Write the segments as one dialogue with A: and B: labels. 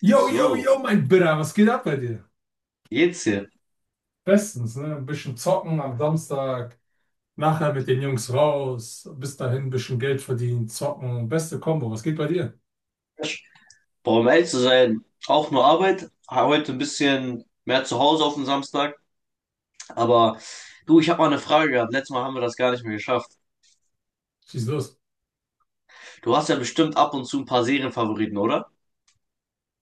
A: Yo, yo, yo,
B: So,
A: mein Bitter, was geht ab bei dir?
B: jetzt hier.
A: Bestens, ne? Ein bisschen zocken am Samstag, nachher mit den Jungs raus, bis dahin ein bisschen Geld verdienen, zocken, beste Kombo, was geht bei dir?
B: Boah, um ehrlich zu sein, auch nur Arbeit. Heute ein bisschen mehr zu Hause auf den Samstag. Aber du, ich habe mal eine Frage gehabt. Letztes Mal haben wir das gar nicht mehr geschafft.
A: Schieß los.
B: Du hast ja bestimmt ab und zu ein paar Serienfavoriten, oder?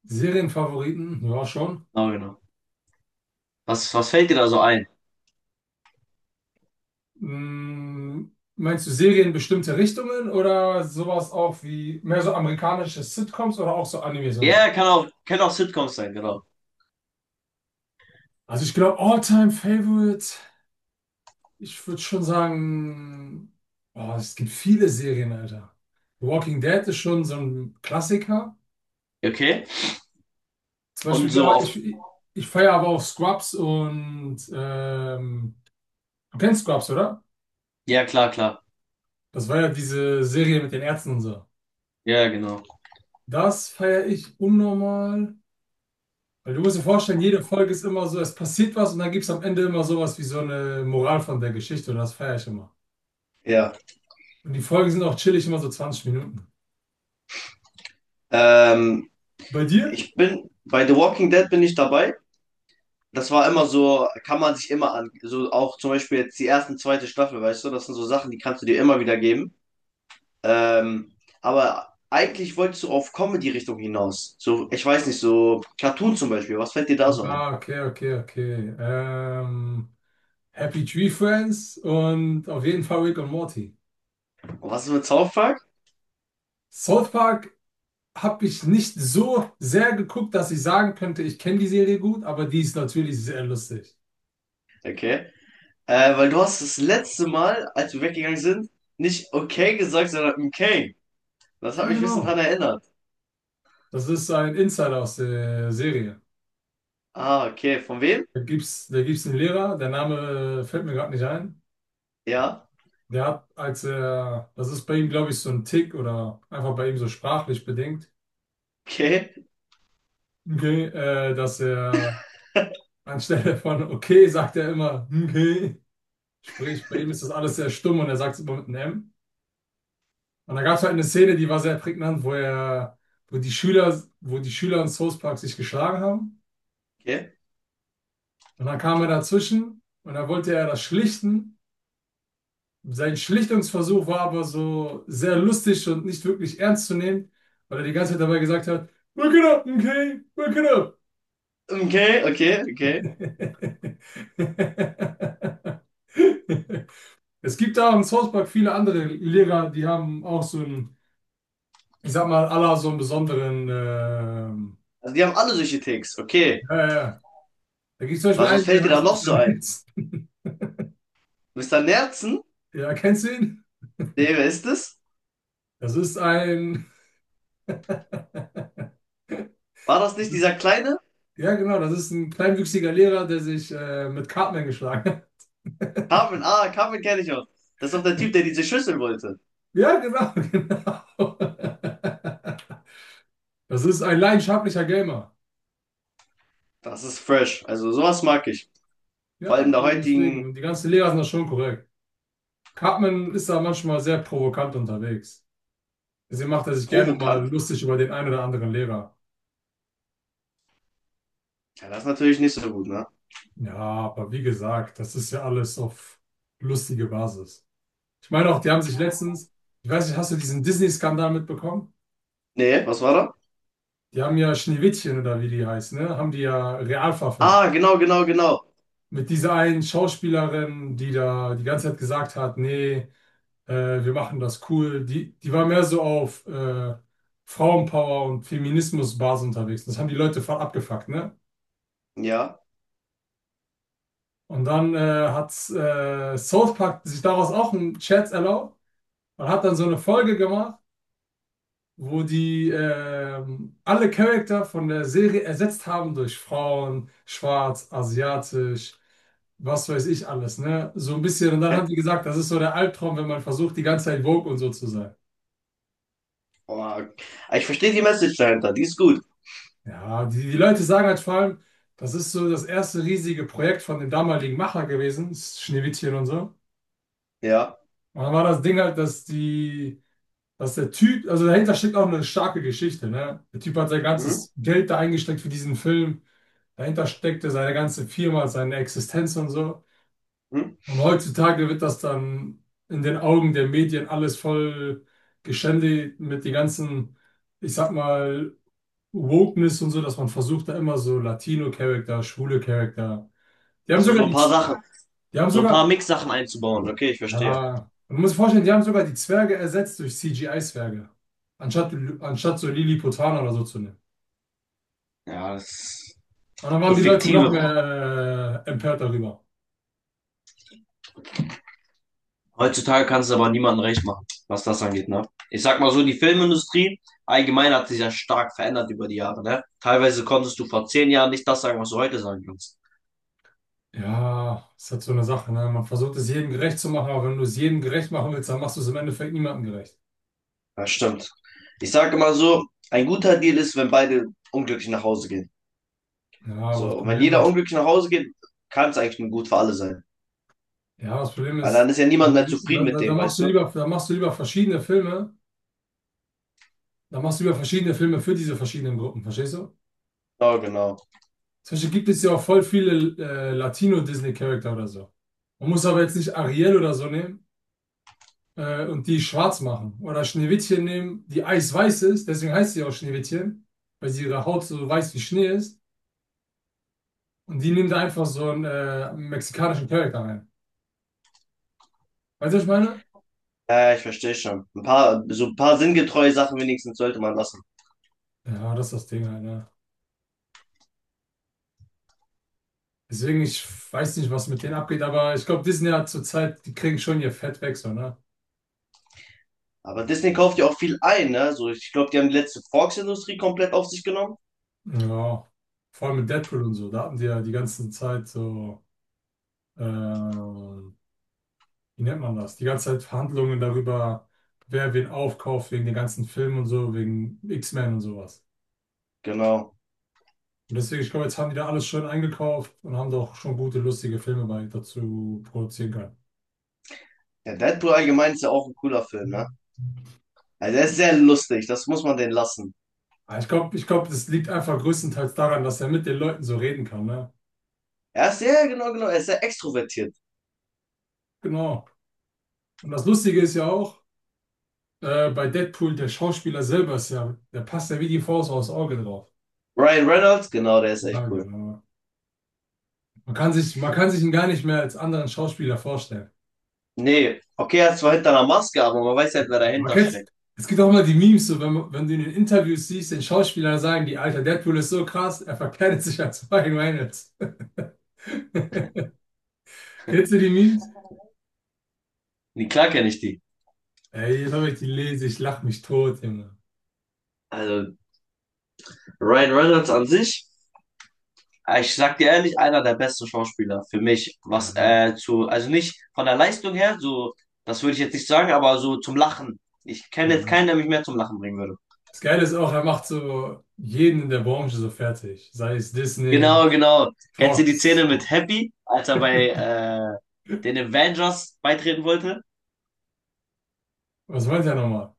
A: Serienfavoriten, ja schon.
B: Ah, genau. Was fällt dir da so ein?
A: Mm, Meinst du Serien in bestimmte Richtungen oder sowas auch wie mehr so amerikanische Sitcoms oder auch so Animes und so?
B: Ja, ja, kann auch Sitcoms sein, genau.
A: Also ich glaube, All-Time-Favorite, ich würde schon sagen, oh, es gibt viele Serien, Alter. The Walking Dead ist schon so ein Klassiker.
B: Ja, okay.
A: Zum
B: Und
A: Beispiel,
B: so
A: ja, ich,
B: auf.
A: ich feiere aber auch Scrubs und du kennst Scrubs, oder?
B: Ja, klar, klar.
A: Das war ja diese Serie mit den Ärzten und so.
B: Ja, genau.
A: Das feiere ich unnormal. Weil du musst dir vorstellen, jede Folge ist immer so, es passiert was und dann gibt es am Ende immer sowas wie so eine Moral von der Geschichte und das feiere ich immer.
B: Ja,
A: Und die Folgen sind auch chillig, immer so 20 Minuten.
B: ähm,
A: Bei dir?
B: ich bin bei The Walking Dead bin ich dabei. Das war immer so, kann man sich immer an, so auch zum Beispiel jetzt die erste, und zweite Staffel, weißt du, das sind so Sachen, die kannst du dir immer wieder geben. Ähm, aber eigentlich wolltest du auf Comedy-Richtung hinaus. So, ich weiß nicht, so Cartoon zum Beispiel, was fällt dir da so ein?
A: Ah, okay, okay, okay. Happy Tree Friends und auf jeden Fall Rick und Morty.
B: Und was ist mit South Park?
A: South Park habe ich nicht so sehr geguckt, dass ich sagen könnte, ich kenne die Serie gut, aber die ist natürlich sehr lustig.
B: Okay. Weil du hast das letzte Mal, als wir weggegangen sind, nicht okay gesagt, sondern okay. Das hat
A: Ja,
B: mich ein bisschen
A: genau.
B: dran erinnert.
A: Das ist ein Insider aus der Serie.
B: Ah, okay. Von wem?
A: Da gibt's einen Lehrer, der Name fällt mir gerade nicht ein.
B: Ja.
A: Der hat, als er, das ist bei ihm, glaube ich, so ein Tick oder einfach bei ihm so sprachlich bedingt,
B: Okay.
A: okay, dass er anstelle von okay sagt er immer okay. Sprich, bei ihm ist das alles sehr stumm und er sagt es immer mit einem M. Und da gab es halt eine Szene, die war sehr prägnant, wo die Schüler in South Park sich geschlagen haben.
B: Okay.
A: Und dann kam er dazwischen und dann wollte er das schlichten. Sein Schlichtungsversuch war aber so sehr lustig und nicht wirklich ernst zu nehmen, weil er die ganze Zeit dabei gesagt hat, Wake it up, okay? Wake it up.
B: Okay, okay, okay.
A: Es gibt da im South Park viele andere Lehrer, die haben auch so einen, ich sag mal, aller so einen besonderen,
B: Also die haben alle solche Ticks. Okay.
A: ja, ja. ja. Da gibt es zum Beispiel
B: Was
A: einen,
B: fällt
A: der
B: dir da
A: heißt
B: noch
A: Mr.
B: so ein?
A: Nitz.
B: Mister Nerzen?
A: Ja, kennst du ihn?
B: Nee, wer ist das?
A: Das ist ein,
B: War das nicht dieser kleine?
A: ja genau, das ist ein kleinwüchsiger Lehrer, der sich mit Cartman geschlagen hat.
B: Carmen, ah, Carmen kenne ich auch. Das ist doch der Typ, der diese Schüssel wollte.
A: Ja, genau, genau. Das ist ein leidenschaftlicher Gamer.
B: Das ist fresh. Also sowas mag ich. Vor
A: Ja,
B: allem der
A: deswegen.
B: heutigen.
A: Und die ganzen Lehrer sind da schon korrekt. Cartman ist da manchmal sehr provokant unterwegs. Deswegen macht er sich gerne
B: Provokant.
A: mal lustig über den einen oder anderen Lehrer.
B: Ja, das ist natürlich nicht so gut, ne?
A: Ja, aber wie gesagt, das ist ja alles auf lustige Basis. Ich meine auch, die haben sich letztens, ich weiß nicht, hast du diesen Disney-Skandal mitbekommen?
B: Nee, was war da?
A: Die haben ja Schneewittchen oder wie die heißt, ne? Haben die ja real verfilmt.
B: Ah, genau, genau, genau.
A: Mit dieser einen Schauspielerin, die da die ganze Zeit gesagt hat, nee, wir machen das cool. Die, die war mehr so auf Frauenpower und Feminismusbasis unterwegs. Das haben die Leute voll abgefuckt, ne?
B: Ja.
A: Und dann hat South Park sich daraus auch einen Scherz erlaubt und hat dann so eine Folge gemacht, wo die alle Charakter von der Serie ersetzt haben durch Frauen, schwarz, asiatisch, was weiß ich alles, ne? So ein bisschen. Und dann
B: Okay.
A: haben die gesagt, das ist so der Albtraum, wenn man versucht, die ganze Zeit woke und so zu sein.
B: Oh, ich verstehe die Message dahinter. Die ist gut.
A: Ja, die Leute sagen halt vor allem, das ist so das erste riesige Projekt von dem damaligen Macher gewesen, das Schneewittchen und so.
B: Ja.
A: Und dann war das Ding halt, dass der Typ, also dahinter steckt auch eine starke Geschichte, ne? Der Typ hat sein
B: Mhm.
A: ganzes Geld da eingesteckt für diesen Film. Dahinter steckte seine ganze Firma, seine Existenz und so.
B: Mhm.
A: Und heutzutage wird das dann in den Augen der Medien alles voll geschändet mit den ganzen, ich sag mal, Wokeness und so, dass man versucht, da immer so Latino-Charakter, schwule Charakter. Die haben
B: Achso, so
A: sogar
B: ein
A: die,
B: paar
A: Z-
B: Sachen.
A: die haben
B: So ein paar
A: sogar,
B: Mix-Sachen einzubauen. Okay, ich verstehe.
A: ja, man muss sich vorstellen, die haben sogar die Zwerge ersetzt durch CGI-Zwerge. Anstatt, anstatt so Lilliputaner oder so zu nehmen.
B: Ja, das ist
A: Und dann waren
B: so
A: die Leute noch
B: fiktive.
A: mehr empört darüber.
B: Heutzutage kannst du aber niemandem recht machen, was das angeht, ne? Ich sag mal so, die Filmindustrie allgemein hat sich ja stark verändert über die Jahre, ne? Teilweise konntest du vor 10 Jahren nicht das sagen, was du heute sagen kannst.
A: Ja, ist halt so eine Sache, ne? Man versucht es jedem gerecht zu machen, aber wenn du es jedem gerecht machen willst, dann machst du es im Endeffekt niemandem gerecht.
B: Das stimmt. Ich sage immer so, ein guter Deal ist, wenn beide unglücklich nach Hause gehen.
A: Ja, aber
B: So,
A: das
B: und wenn
A: Problem
B: jeder
A: ist,
B: unglücklich nach Hause geht, kann es eigentlich nur gut für alle sein.
A: ja, das Problem
B: Weil dann
A: ist,
B: ist ja
A: da,
B: niemand mehr
A: da,
B: zufrieden mit
A: da da
B: dem,
A: machst
B: weißt
A: du
B: du?
A: lieber, da machst du lieber verschiedene Filme. Da machst du ja verschiedene Filme für diese verschiedenen Gruppen, verstehst du?
B: Ja, genau.
A: Zum Beispiel gibt es ja auch voll viele Latino-Disney-Charakter oder so. Man muss aber jetzt nicht Ariel oder so nehmen und die schwarz machen. Oder Schneewittchen nehmen, die eisweiß ist, deswegen heißt sie auch Schneewittchen, weil sie ihre Haut so weiß wie Schnee ist. Und die nehmen da einfach so einen mexikanischen Charakter rein. Weißt du, was ich meine?
B: Ja, ich verstehe schon. Ein paar, so ein paar sinngetreue Sachen wenigstens sollte man lassen.
A: Ja, das ist das Ding halt, ne? Deswegen, ich weiß nicht, was mit denen abgeht, aber ich glaube, Disney hat zurzeit, die kriegen schon ihr Fett weg, so, ne?
B: Aber Disney kauft ja auch viel ein, ne? So, ich glaube, die haben die letzte Fox-Industrie komplett auf sich genommen.
A: Ja, vor allem mit Deadpool und so, da hatten die ja die ganze Zeit so, wie nennt man das? Die ganze Zeit Verhandlungen darüber, wer wen aufkauft wegen den ganzen Filmen und so, wegen X-Men und sowas.
B: Genau.
A: Und deswegen, ich glaube, jetzt haben die da alles schön eingekauft und haben da auch schon gute, lustige Filme bei dazu produzieren können.
B: Ja, Deadpool allgemein ist ja auch ein cooler Film, ne? Also er ist sehr lustig, das muss man den lassen.
A: Aber ich glaube, das liegt einfach größtenteils daran, dass er mit den Leuten so reden kann, ne?
B: Er ist sehr, genau, genau, er ist sehr extrovertiert.
A: Genau. Und das Lustige ist ja auch, bei Deadpool, der Schauspieler selber ist ja, der passt ja wie die Faust aufs Auge drauf.
B: Ryan Reynolds, genau, der ist
A: Ja,
B: echt cool.
A: genau. Man kann sich ihn gar nicht mehr als anderen Schauspieler vorstellen.
B: Nee, okay, er ist zwar hinter einer Maske, aber man weiß halt, wer
A: Man
B: dahinter
A: kennt's,
B: steckt.
A: es gibt auch immer die Memes, so wenn du in den Interviews siehst, den Schauspieler sagen die, Alter, Deadpool ist so krass, er verkleidet sich als Ryan Reynolds. Kennst du die Memes?
B: Nee, klar kenne ich die.
A: Ey, jetzt habe ich die lese, ich lach mich tot, Junge.
B: Also Ryan Reynolds an sich, ich sag dir ehrlich, einer der besten Schauspieler für mich,
A: Ja,
B: was
A: ja.
B: zu, also nicht von der Leistung her, so, das würde ich jetzt nicht sagen, aber so zum Lachen. Ich
A: ja.
B: kenne jetzt
A: Mann.
B: keinen, der mich mehr zum Lachen bringen würde.
A: Das Geile ist auch, er macht so jeden in der Branche so fertig. Sei es Disney,
B: Genau, genau. Kennst du die Szene
A: Fox.
B: mit Happy, als er bei den Avengers beitreten wollte?
A: Was meint er nochmal?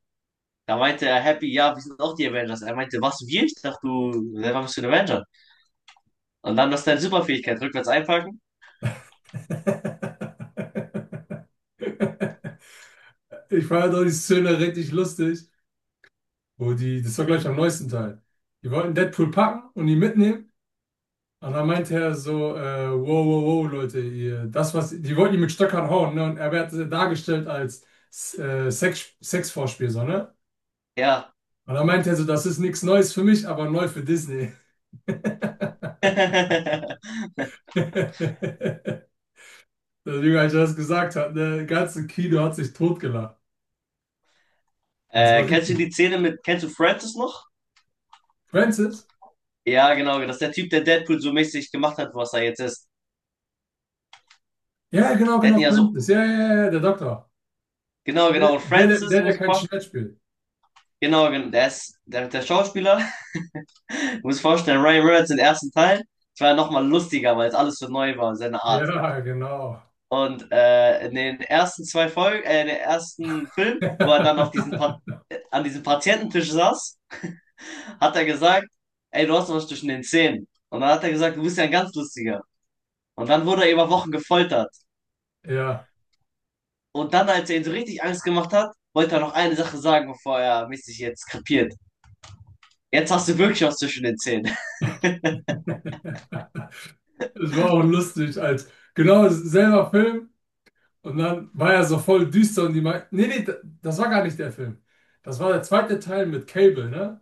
B: Da meinte er Happy, ja, wir sind auch die Avengers. Er meinte, was, wir? Ich dachte, du selber bist du ein Avenger. Und dann, das ist deine Superfähigkeit, rückwärts einpacken?
A: Ich fand doch die Szene richtig lustig. Das war gleich am neuesten Teil. Die wollten Deadpool packen und ihn mitnehmen. Und dann meinte er so, wow, wow, wow, Leute, ihr, das, was, die wollten ihn mit Stöckern hauen, ne? Und er wird dargestellt als Sexvorspiel, so, ne?
B: Ja.
A: Und dann meinte er so, das ist nichts Neues für mich, aber neu für Disney. Deswegen, als er das gesagt hat, der ganze Kino hat sich totgelacht. Das war
B: Kennst du
A: richtig.
B: die Szene mit, kennst du Francis noch?
A: Francis?
B: Ja, genau, das ist der Typ, der Deadpool so mäßig gemacht hat, was er jetzt ist.
A: Ja, genau,
B: Der hat
A: genau,
B: ihn ja so,
A: Francis. Ja, ja, ja, ja, der Doktor.
B: genau, genau, und
A: Der, der,
B: Francis,
A: der, der
B: muss ich
A: kein
B: vorstellen,
A: Schmerz spielt.
B: genau, genau, der ist, der Schauspieler, muss ich vorstellen, Ryan Reynolds im ersten Teil, es war ja nochmal lustiger, weil es alles so neu war, seine Art.
A: Ja, genau.
B: Und in den ersten zwei Folgen, in den ersten Film, wo er dann auf diesen Pat an diesem Patiententisch saß, hat er gesagt, ey, du hast was zwischen den Zähnen. Und dann hat er gesagt, du bist ja ein ganz lustiger. Und dann wurde er über Wochen gefoltert.
A: Ja,
B: Und dann, als er ihn so richtig Angst gemacht hat, wollte er noch eine Sache sagen, bevor er mäßig jetzt krepiert. Jetzt hast du wirklich was zwischen den Zähnen.
A: das war auch lustig, als genau selber Film und dann war er so voll düster und die meinten, nee, nee, das war gar nicht der Film. Das war der zweite Teil mit Cable, ne?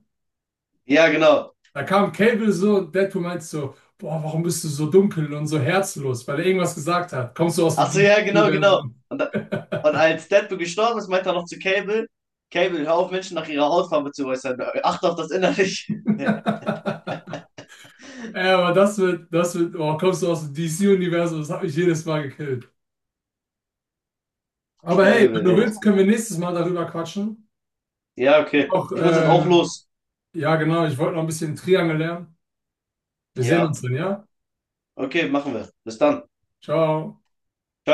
B: Ja, genau.
A: Da kam Cable so und Deadpool meinte so, boah, warum bist du so dunkel und so herzlos, weil er irgendwas gesagt hat. Kommst du aus dem
B: Achso, ja, genau, genau.
A: DC-Universum?
B: Und als Deadpool gestorben ist, meinte er noch zu Cable, Cable, hör auf, Menschen nach ihrer Hautfarbe zu äußern. Achte auf das Innerliche.
A: Ja, aber kommst du aus dem DC-Universum, das hat mich jedes Mal gekillt. Aber hey, wenn
B: Cable,
A: du
B: echt.
A: willst, können wir nächstes Mal darüber quatschen.
B: Ja, okay.
A: Auch,
B: Ich muss jetzt auch los.
A: Ja, genau. Ich wollte noch ein bisschen Triangel lernen. Wir sehen
B: Ja,
A: uns dann, ja?
B: okay, machen wir. Bis dann.
A: Ciao.